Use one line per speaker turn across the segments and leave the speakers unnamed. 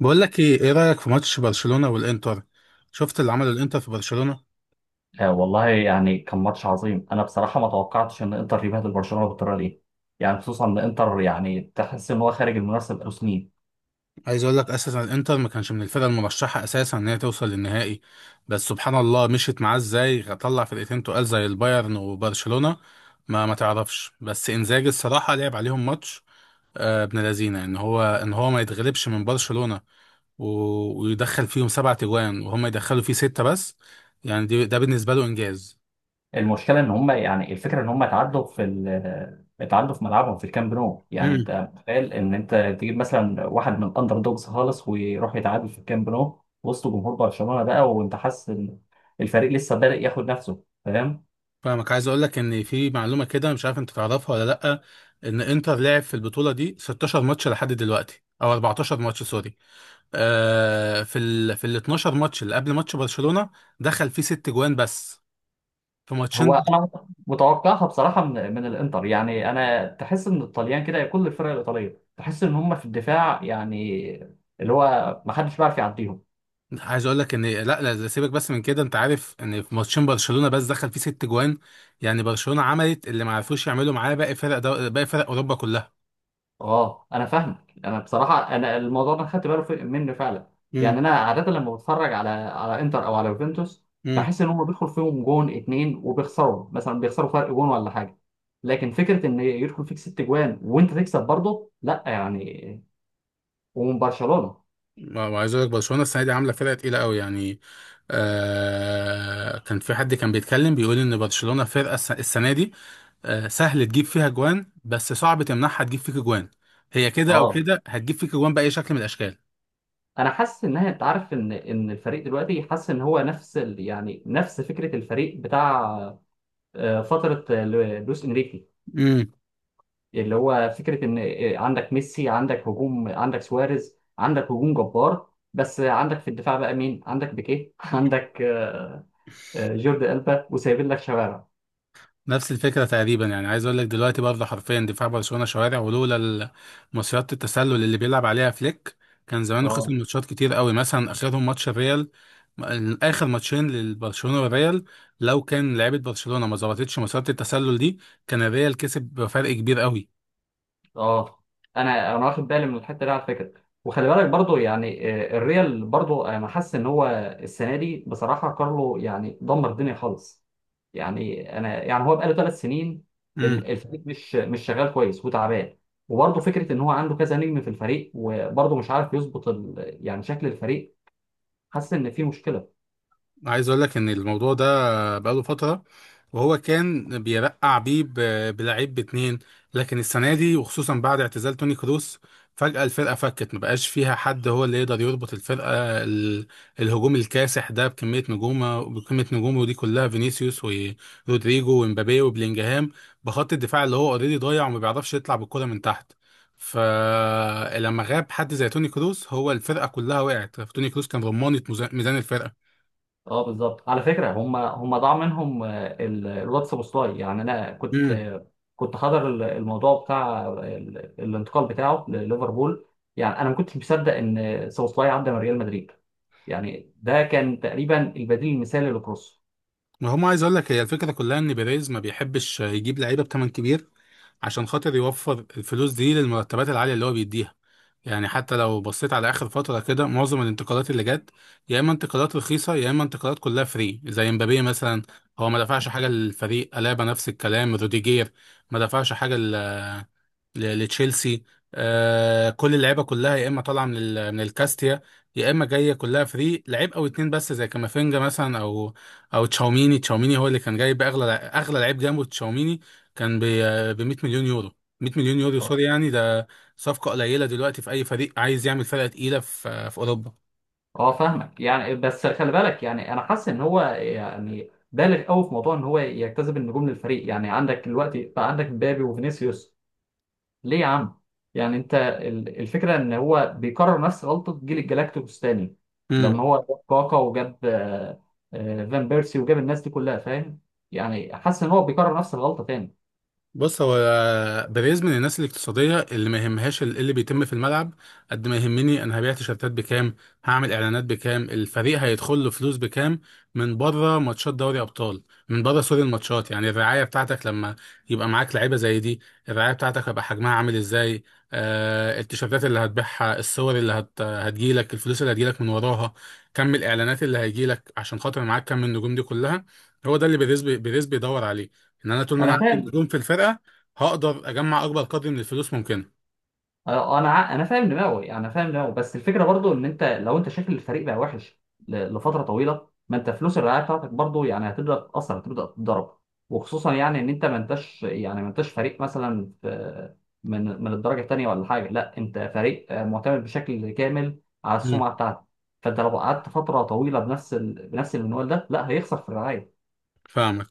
بقول لك ايه رايك في ماتش برشلونه والانتر؟ شفت اللي عمله الانتر في برشلونه؟
آه، والله يعني كان ماتش عظيم. انا بصراحه ما توقعتش ان انتر يبهدل برشلونه بالطريقه دي. يعني خصوصا ان انتر، يعني تحس ان هو خارج المنافسه بقاله سنين.
عايز اقول لك اساسا الانتر ما كانش من الفرق المرشحه اساسا ان هي توصل للنهائي. بس سبحان الله، مشيت معاه ازاي طلع فرقتين تقال زي البايرن وبرشلونه. ما تعرفش، بس انزاجي الصراحه لعب عليهم ماتش. ابن لذينه ان هو ما يتغلبش من برشلونه ويدخل فيهم سبعة تجوان وهم يدخلوا فيه ستة بس. يعني ده بالنسبه له انجاز.
المشكله ان هم، يعني الفكره ان هم اتعدوا في ال- آه، اتعدوا في ملعبهم في الكامب نو. يعني انت متخيل ان انت تجيب مثلا واحد من الاندر دوجز خالص ويروح يتعادل في الكامب نو وسط جمهور برشلونه بقى، وانت حاسس ان الفريق لسه بادئ ياخد نفسه، فاهم؟
فاهمك، عايز اقول لك ان في معلومه كده مش عارف انت تعرفها ولا لا. ان انتر لعب في البطوله دي 16 ماتش لحد دلوقتي، او 14 ماتش سوري. في ال 12 ماتش اللي قبل ماتش برشلونه دخل فيه ست جوان بس، في
هو
ماتشين.
انا متوقعها بصراحه من الانتر. يعني انا تحس ان الطليان كده، كل الفرق الايطاليه تحس ان هم في الدفاع يعني، اللي هو ما حدش بيعرف يعديهم.
عايز اقول لك ان لا لا لا، سيبك بس من كده، انت عارف ان في ماتشين برشلونه بس دخل فيه ست جوان. يعني برشلونه عملت اللي ما عرفوش يعملوا معاه باقي فرق اوروبا كلها.
اه، انا فاهمك. انا بصراحه انا الموضوع ده خدت بالي منه فعلا. يعني انا عاده لما بتفرج على انتر او على يوفنتوس
امم.
بحس ان هم بيدخل فيهم جون اتنين وبيخسروا، مثلا بيخسروا فرق جون ولا حاجه. لكن فكره ان يدخل فيك ست جوان وانت تكسب برضه، لا يعني، ومن برشلونه.
ما عايز اقول لك برشلونه السنه دي عامله فرقه تقيله قوي يعني. كان في حد كان بيتكلم بيقول ان برشلونه فرقه السنه دي سهل تجيب فيها جوان بس صعب تمنعها تجيب فيك جوان. هي كده او
اه،
كده هتجيب فيك جوان باي شكل من الاشكال.
انا حاسس انها، انت عارف ان ان الفريق دلوقتي حاسس ان هو نفس ال... يعني نفس فكره الفريق بتاع فتره لويس انريكي. اللي هو فكره ان عندك ميسي، عندك هجوم، عندك سواريز، عندك هجوم جبار. بس عندك في الدفاع بقى مين؟ عندك بيكيه عندك جوردي ألبا، وسايبين لك شوارع.
نفس الفكرة تقريبا، يعني عايز اقول لك دلوقتي برضه حرفيا دفاع برشلونة شوارع، ولولا مصيدة التسلل اللي بيلعب عليها فليك، كان زمانه خسر
اه،
ماتشات كتير قوي، مثلا اخرهم ماتش الريال. اخر ماتشين للبرشلونة والريال، لو كان لعيبة برشلونة ما ظبطتش مصيدة التسلل دي، كان الريال كسب بفرق كبير قوي.
اه، انا واخد بالي من الحته دي على فكره. وخلي بالك برضو، يعني الريال برضو انا حاسس ان هو السنه دي بصراحه، كارلو يعني دمر الدنيا خالص. يعني انا، يعني هو بقاله 3 سنين الفريق مش شغال كويس وتعبان. وبرضه فكره ان هو عنده كذا نجم في الفريق وبرضه مش عارف يظبط يعني شكل الفريق. حاسس ان في مشكله.
عايز اقول لك ان الموضوع ده بقاله فتره، وهو كان بيرقع بيه بلعيب باتنين. لكن السنه دي، وخصوصا بعد اعتزال توني كروس، فجاه الفرقه فكت، ما بقاش فيها حد هو اللي يقدر يربط الفرقه. ال- الهجوم الكاسح ده بكميه نجومه دي كلها، فينيسيوس ورودريجو ومبابي وبلينجهام، بخط الدفاع اللي هو اوريدي ضايع وما بيعرفش يطلع بالكره من تحت. فلما غاب حد زي توني كروس، هو الفرقه كلها وقعت. توني كروس كان رمانه ميزان الفرقه.
اه بالظبط، على فكره. هم ضاع منهم الواتس بوستاي. يعني انا كنت كنت حاضر الموضوع بتاع الانتقال بتاعه لليفربول. يعني انا ما كنتش مصدق ان سوبوسلاي عدى من ريال مدريد، يعني ده كان تقريبا البديل المثالي لكروس.
ما هم، عايز اقول لك هي الفكره كلها ان بيريز ما بيحبش يجيب لعيبه بثمن كبير عشان خاطر يوفر الفلوس دي للمرتبات العاليه اللي هو بيديها. يعني حتى لو بصيت على اخر فتره كده، معظم الانتقالات اللي جت، يا اما انتقالات رخيصه يا اما انتقالات كلها فري، زي مبابي مثلا هو ما دفعش حاجه للفريق، الابا نفس الكلام، روديجير ما دفعش حاجه لتشيلسي. كل اللعيبه كلها يا اما طالعه من الكاستيا، يا اما جايه كلها فري، لعيب او اتنين بس زي كامافينجا مثلا، او تشاوميني. تشاوميني هو اللي كان جايب اغلى اغلى لعيب جنبه. تشاوميني كان ب 100 مليون يورو. 100 مليون يورو سوري، يعني ده صفقه قليله دلوقتي في اي فريق عايز يعمل فرقه تقيله في اوروبا.
اه فاهمك. يعني بس خلي بالك، يعني انا حاسس ان هو يعني بالغ قوي في موضوع ان هو يجتذب النجوم للفريق. يعني عندك دلوقتي بقى، عندك مبابي وفينيسيوس. ليه يا عم؟ يعني انت الفكره ان هو بيكرر نفس غلطه جيل الجلاكتيكوس تاني لما هو جاب كاكا وجاب فان بيرسي وجاب الناس دي كلها، فاهم؟ يعني حاسس ان هو بيكرر نفس الغلطه تاني.
بص، هو بيريز من الناس الاقتصادية اللي ما يهمهاش إيه اللي بيتم في الملعب، قد ما يهمني أنا هبيع تيشيرتات بكام، هعمل إعلانات بكام، الفريق هيدخل له فلوس بكام من بره ماتشات دوري أبطال، من بره سوري الماتشات يعني، الرعاية بتاعتك لما يبقى معاك لعيبة زي دي الرعاية بتاعتك هيبقى حجمها عامل إزاي؟ التيشيرتات اللي هتبيعها، الصور اللي هتجيلك، الفلوس اللي هتجيلك من وراها، كم الإعلانات اللي هيجيلك عشان خاطر معاك كم النجوم دي كلها. هو ده اللي بيريز بيدور عليه، ان انا طول ما انا
انا
عندي
فاهم.
نجوم في الفرقه هقدر اجمع اكبر قدر من الفلوس ممكنه.
اه، انا انا فاهم دماغه. يعني انا فاهم دماغه، بس الفكره برضو ان انت لو انت شايف الفريق بقى وحش لفتره طويله، ما انت فلوس الرعايه بتاعتك برضو يعني هتبدا تتاثر، هتبدا تتضرب. وخصوصا يعني ان انت ما انتش فريق مثلا في من من الدرجه الثانيه ولا حاجه. لا، انت فريق معتمد بشكل كامل على
امم،
السمعه بتاعتك. فانت لو قعدت فتره طويله بنفس المنوال ده، لا، هيخسر في الرعايه.
فاهمك.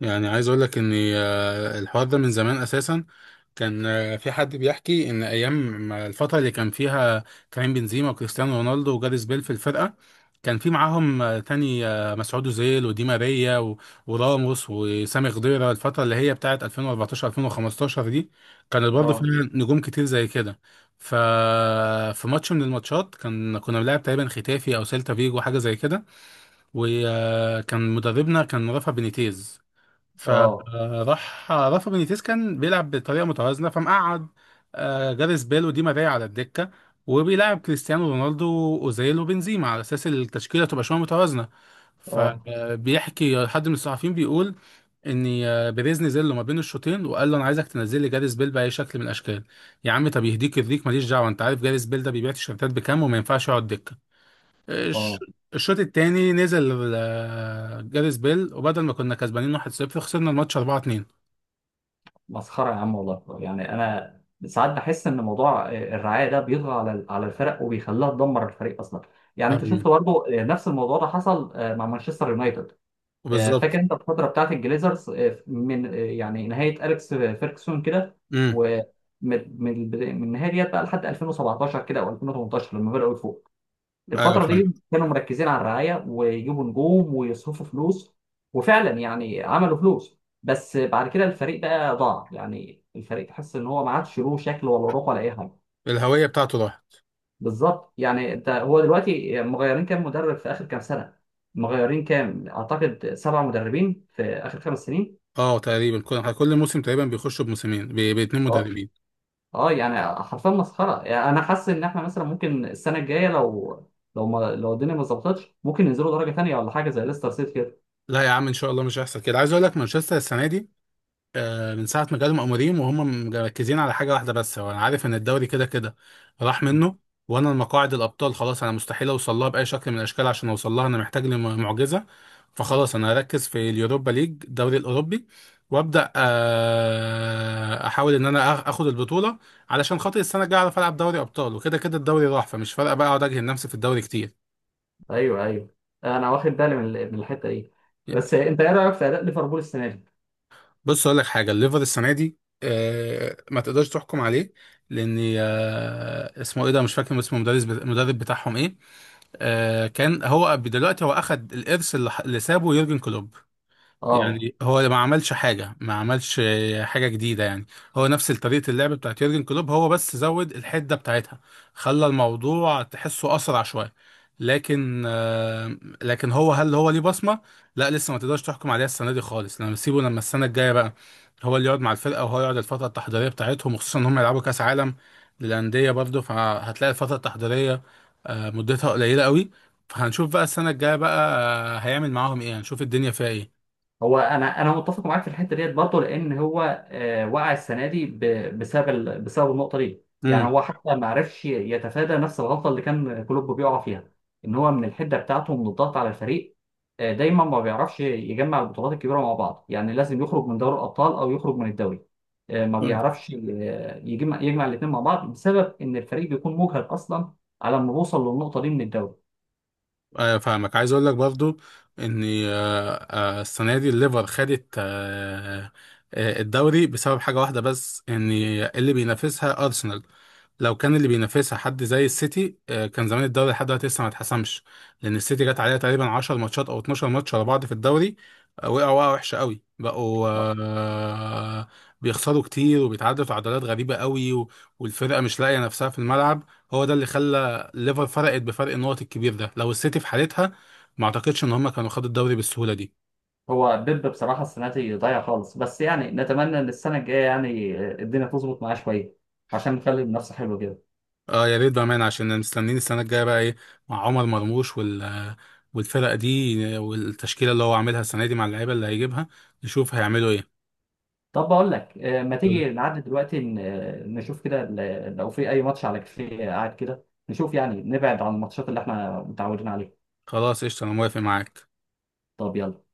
يعني عايز اقول لك ان الحوار ده من زمان اساسا. كان في حد بيحكي ان ايام ما الفتره اللي كان فيها كريم بنزيما وكريستيانو رونالدو وجاريث بيل في الفرقه، كان في معاهم تاني مسعود اوزيل ودي ماريا وراموس وسامي خضيره، الفتره اللي هي بتاعت 2014 2015 دي كانت برضه فيها
اه،
نجوم كتير زي كده. ف في ماتش من الماتشات كنا بنلعب تقريبا ختافي او سيلتا فيجو حاجه زي كده، وكان مدربنا كان رافا بينيتيز.
اه،
فراح رافا بينيتيز كان بيلعب بطريقه متوازنه، فمقعد جاريث بيل ودي ماريا على الدكه وبيلعب كريستيانو رونالدو واوزيل وبنزيما على اساس التشكيله تبقى شويه متوازنه.
اه،
فبيحكي حد من الصحفيين بيقول ان بيريز نزل له ما بين الشوطين وقال له انا عايزك تنزل لي جاريث بيل باي شكل من الاشكال. يا عم طب يهديك يرضيك، ماليش دعوه، انت عارف جاريث بيل ده بيبيع تيشيرتات بكام، وما ينفعش يقعد دكه. الش-
اه،
الشوط التاني نزل جاريث بيل، وبدل ما كنا كسبانين 1-0، خسرنا الماتش 4-2.
مسخرة يا عم والله. يعني أنا ساعات بحس إن موضوع الرعاية ده بيطغى على الفرق وبيخليها تدمر الفريق أصلا. يعني أنت شفت
أمم،
برضه نفس الموضوع ده حصل مع مانشستر يونايتد. فاكر
بالظبط.
أنت الفترة بتاعت الجليزرز، من يعني نهاية أليكس فيركسون كده،
امم،
ومن من من النهاية ديت بقى لحد 2017 كده أو 2018 لما بدأوا يفوقوا.
ايوه
الفترة
فاهم.
دي كانوا مركزين على الرعاية ويجيبوا نجوم ويصرفوا فلوس. وفعلا يعني عملوا فلوس، بس بعد كده الفريق بقى ضاع. يعني الفريق تحس ان هو ما عادش له شكل ولا روح ولا اي حاجة.
الهوية بتاعته راحت.
بالظبط. يعني انت هو دلوقتي مغيرين كام مدرب في اخر كام سنة؟ مغيرين كام، اعتقد سبع مدربين في اخر 5 سنين.
اه، تقريبا كل موسم تقريبا بيخشوا بموسمين باتنين
اه،
مدربين.
اه، يعني حرفيا مسخرة. يعني انا حاسس ان احنا مثلا ممكن السنة الجاية لو، لو ما، لو الدنيا ما ظبطتش ممكن ينزلوا درجة تانية ولا حاجة زي ليستر سيتي
لا يا عم، ان شاء الله مش هيحصل كده. عايز اقول لك مانشستر السنة دي من ساعة ما جالهم أموريم وهم مركزين على حاجة واحدة بس، هو أنا عارف إن الدوري كده كده راح
كده.
منه، وأنا المقاعد الأبطال خلاص أنا مستحيل أوصل لها بأي شكل من الأشكال، عشان أوصل لها أنا محتاج لي معجزة، فخلاص أنا هركز في اليوروبا ليج الدوري الأوروبي، وأبدأ أحاول إن أنا آخد البطولة، علشان خاطر السنة الجاية أعرف ألعب دوري أبطال، وكده كده الدوري راح فمش فارقة بقى أقعد أجهد نفسي في الدوري كتير.
ايوه، ايوه، انا واخد بالي من الحته دي. بس انت ايه رايك في اداء ليفربول السنه دي؟
بص اقول لك حاجه، الليفر السنه دي ما تقدرش تحكم عليه، لان اسمه ايه ده مش فاكر اسمه، المدرب بتاعهم ايه. كان هو دلوقتي هو اخد الارث اللي سابه يورجن كلوب.
اه،
يعني هو ما عملش حاجة جديدة يعني، هو نفس طريقة اللعب بتاعت يورجن كلوب، هو بس زود الحدة بتاعتها، خلى الموضوع تحسه أسرع شوية. لكن هل هو ليه بصمة؟ لا لسه ما تقدرش تحكم عليها السنة دي خالص، لما السنة الجاية بقى هو اللي يقعد مع الفرقة وهو يقعد الفترة التحضيرية بتاعتهم، وخصوصا إن هم يلعبوا كأس عالم للأندية برضه، فهتلاقي الفترة التحضيرية مدتها قليلة قوي. فهنشوف بقى السنة الجاية بقى هيعمل معاهم إيه، هنشوف الدنيا فيها إيه.
هو انا متفق معاك في الحته ديت برضه. لان هو وقع السنه دي بسبب النقطه دي. يعني هو حتى ما عرفش يتفادى نفس الغلطه اللي كان كلوب بيقع فيها، ان هو من الحده بتاعته، من الضغط على الفريق. دايما ما بيعرفش يجمع البطولات الكبيره مع بعض. يعني لازم يخرج من دوري الابطال او يخرج من الدوري. ما
قول.
بيعرفش يجمع الاثنين مع بعض بسبب ان الفريق بيكون مجهد اصلا على ما بوصل للنقطه دي من الدوري.
ايوه فاهمك، عايز اقول لك برضو ان السنه دي الليفر خدت الدوري بسبب حاجه واحده بس، ان اللي بينافسها ارسنال. لو كان اللي بينافسها حد زي السيتي كان زمان الدوري لحد دلوقتي لسه ما اتحسمش. لان السيتي جت عليها تقريبا 10 ماتشات او 12 ماتش ورا بعض في الدوري، وقعوا وقعه وحشه قوي، بقوا بيخسروا كتير وبيتعادلوا تعادلات غريبه قوي والفرقه مش لاقيه نفسها في الملعب. هو ده اللي خلى ليفر فرقت بفرق النقط الكبير ده، لو السيتي في حالتها ما اعتقدش ان هم كانوا خدوا الدوري بالسهوله دي.
هو بيب بصراحة السنة دي ضايع خالص، بس يعني نتمنى إن السنة الجاية يعني الدنيا تظبط معاه شوية عشان نخلي المنافسة حلوة كده.
اه يا ريت بامانه، عشان مستنيين السنه الجايه بقى ايه مع عمر مرموش والفرقه دي والتشكيله اللي هو عاملها السنه دي، مع اللعيبه اللي هيجيبها نشوف هيعملوا ايه.
طب بقول لك، ما تيجي نعدي دلوقتي نشوف كده لو في أي ماتش على كافيه قاعد كده نشوف. يعني نبعد عن الماتشات اللي إحنا متعودين عليها.
خلاص قشطه انا موافق معاك.
طب يلا.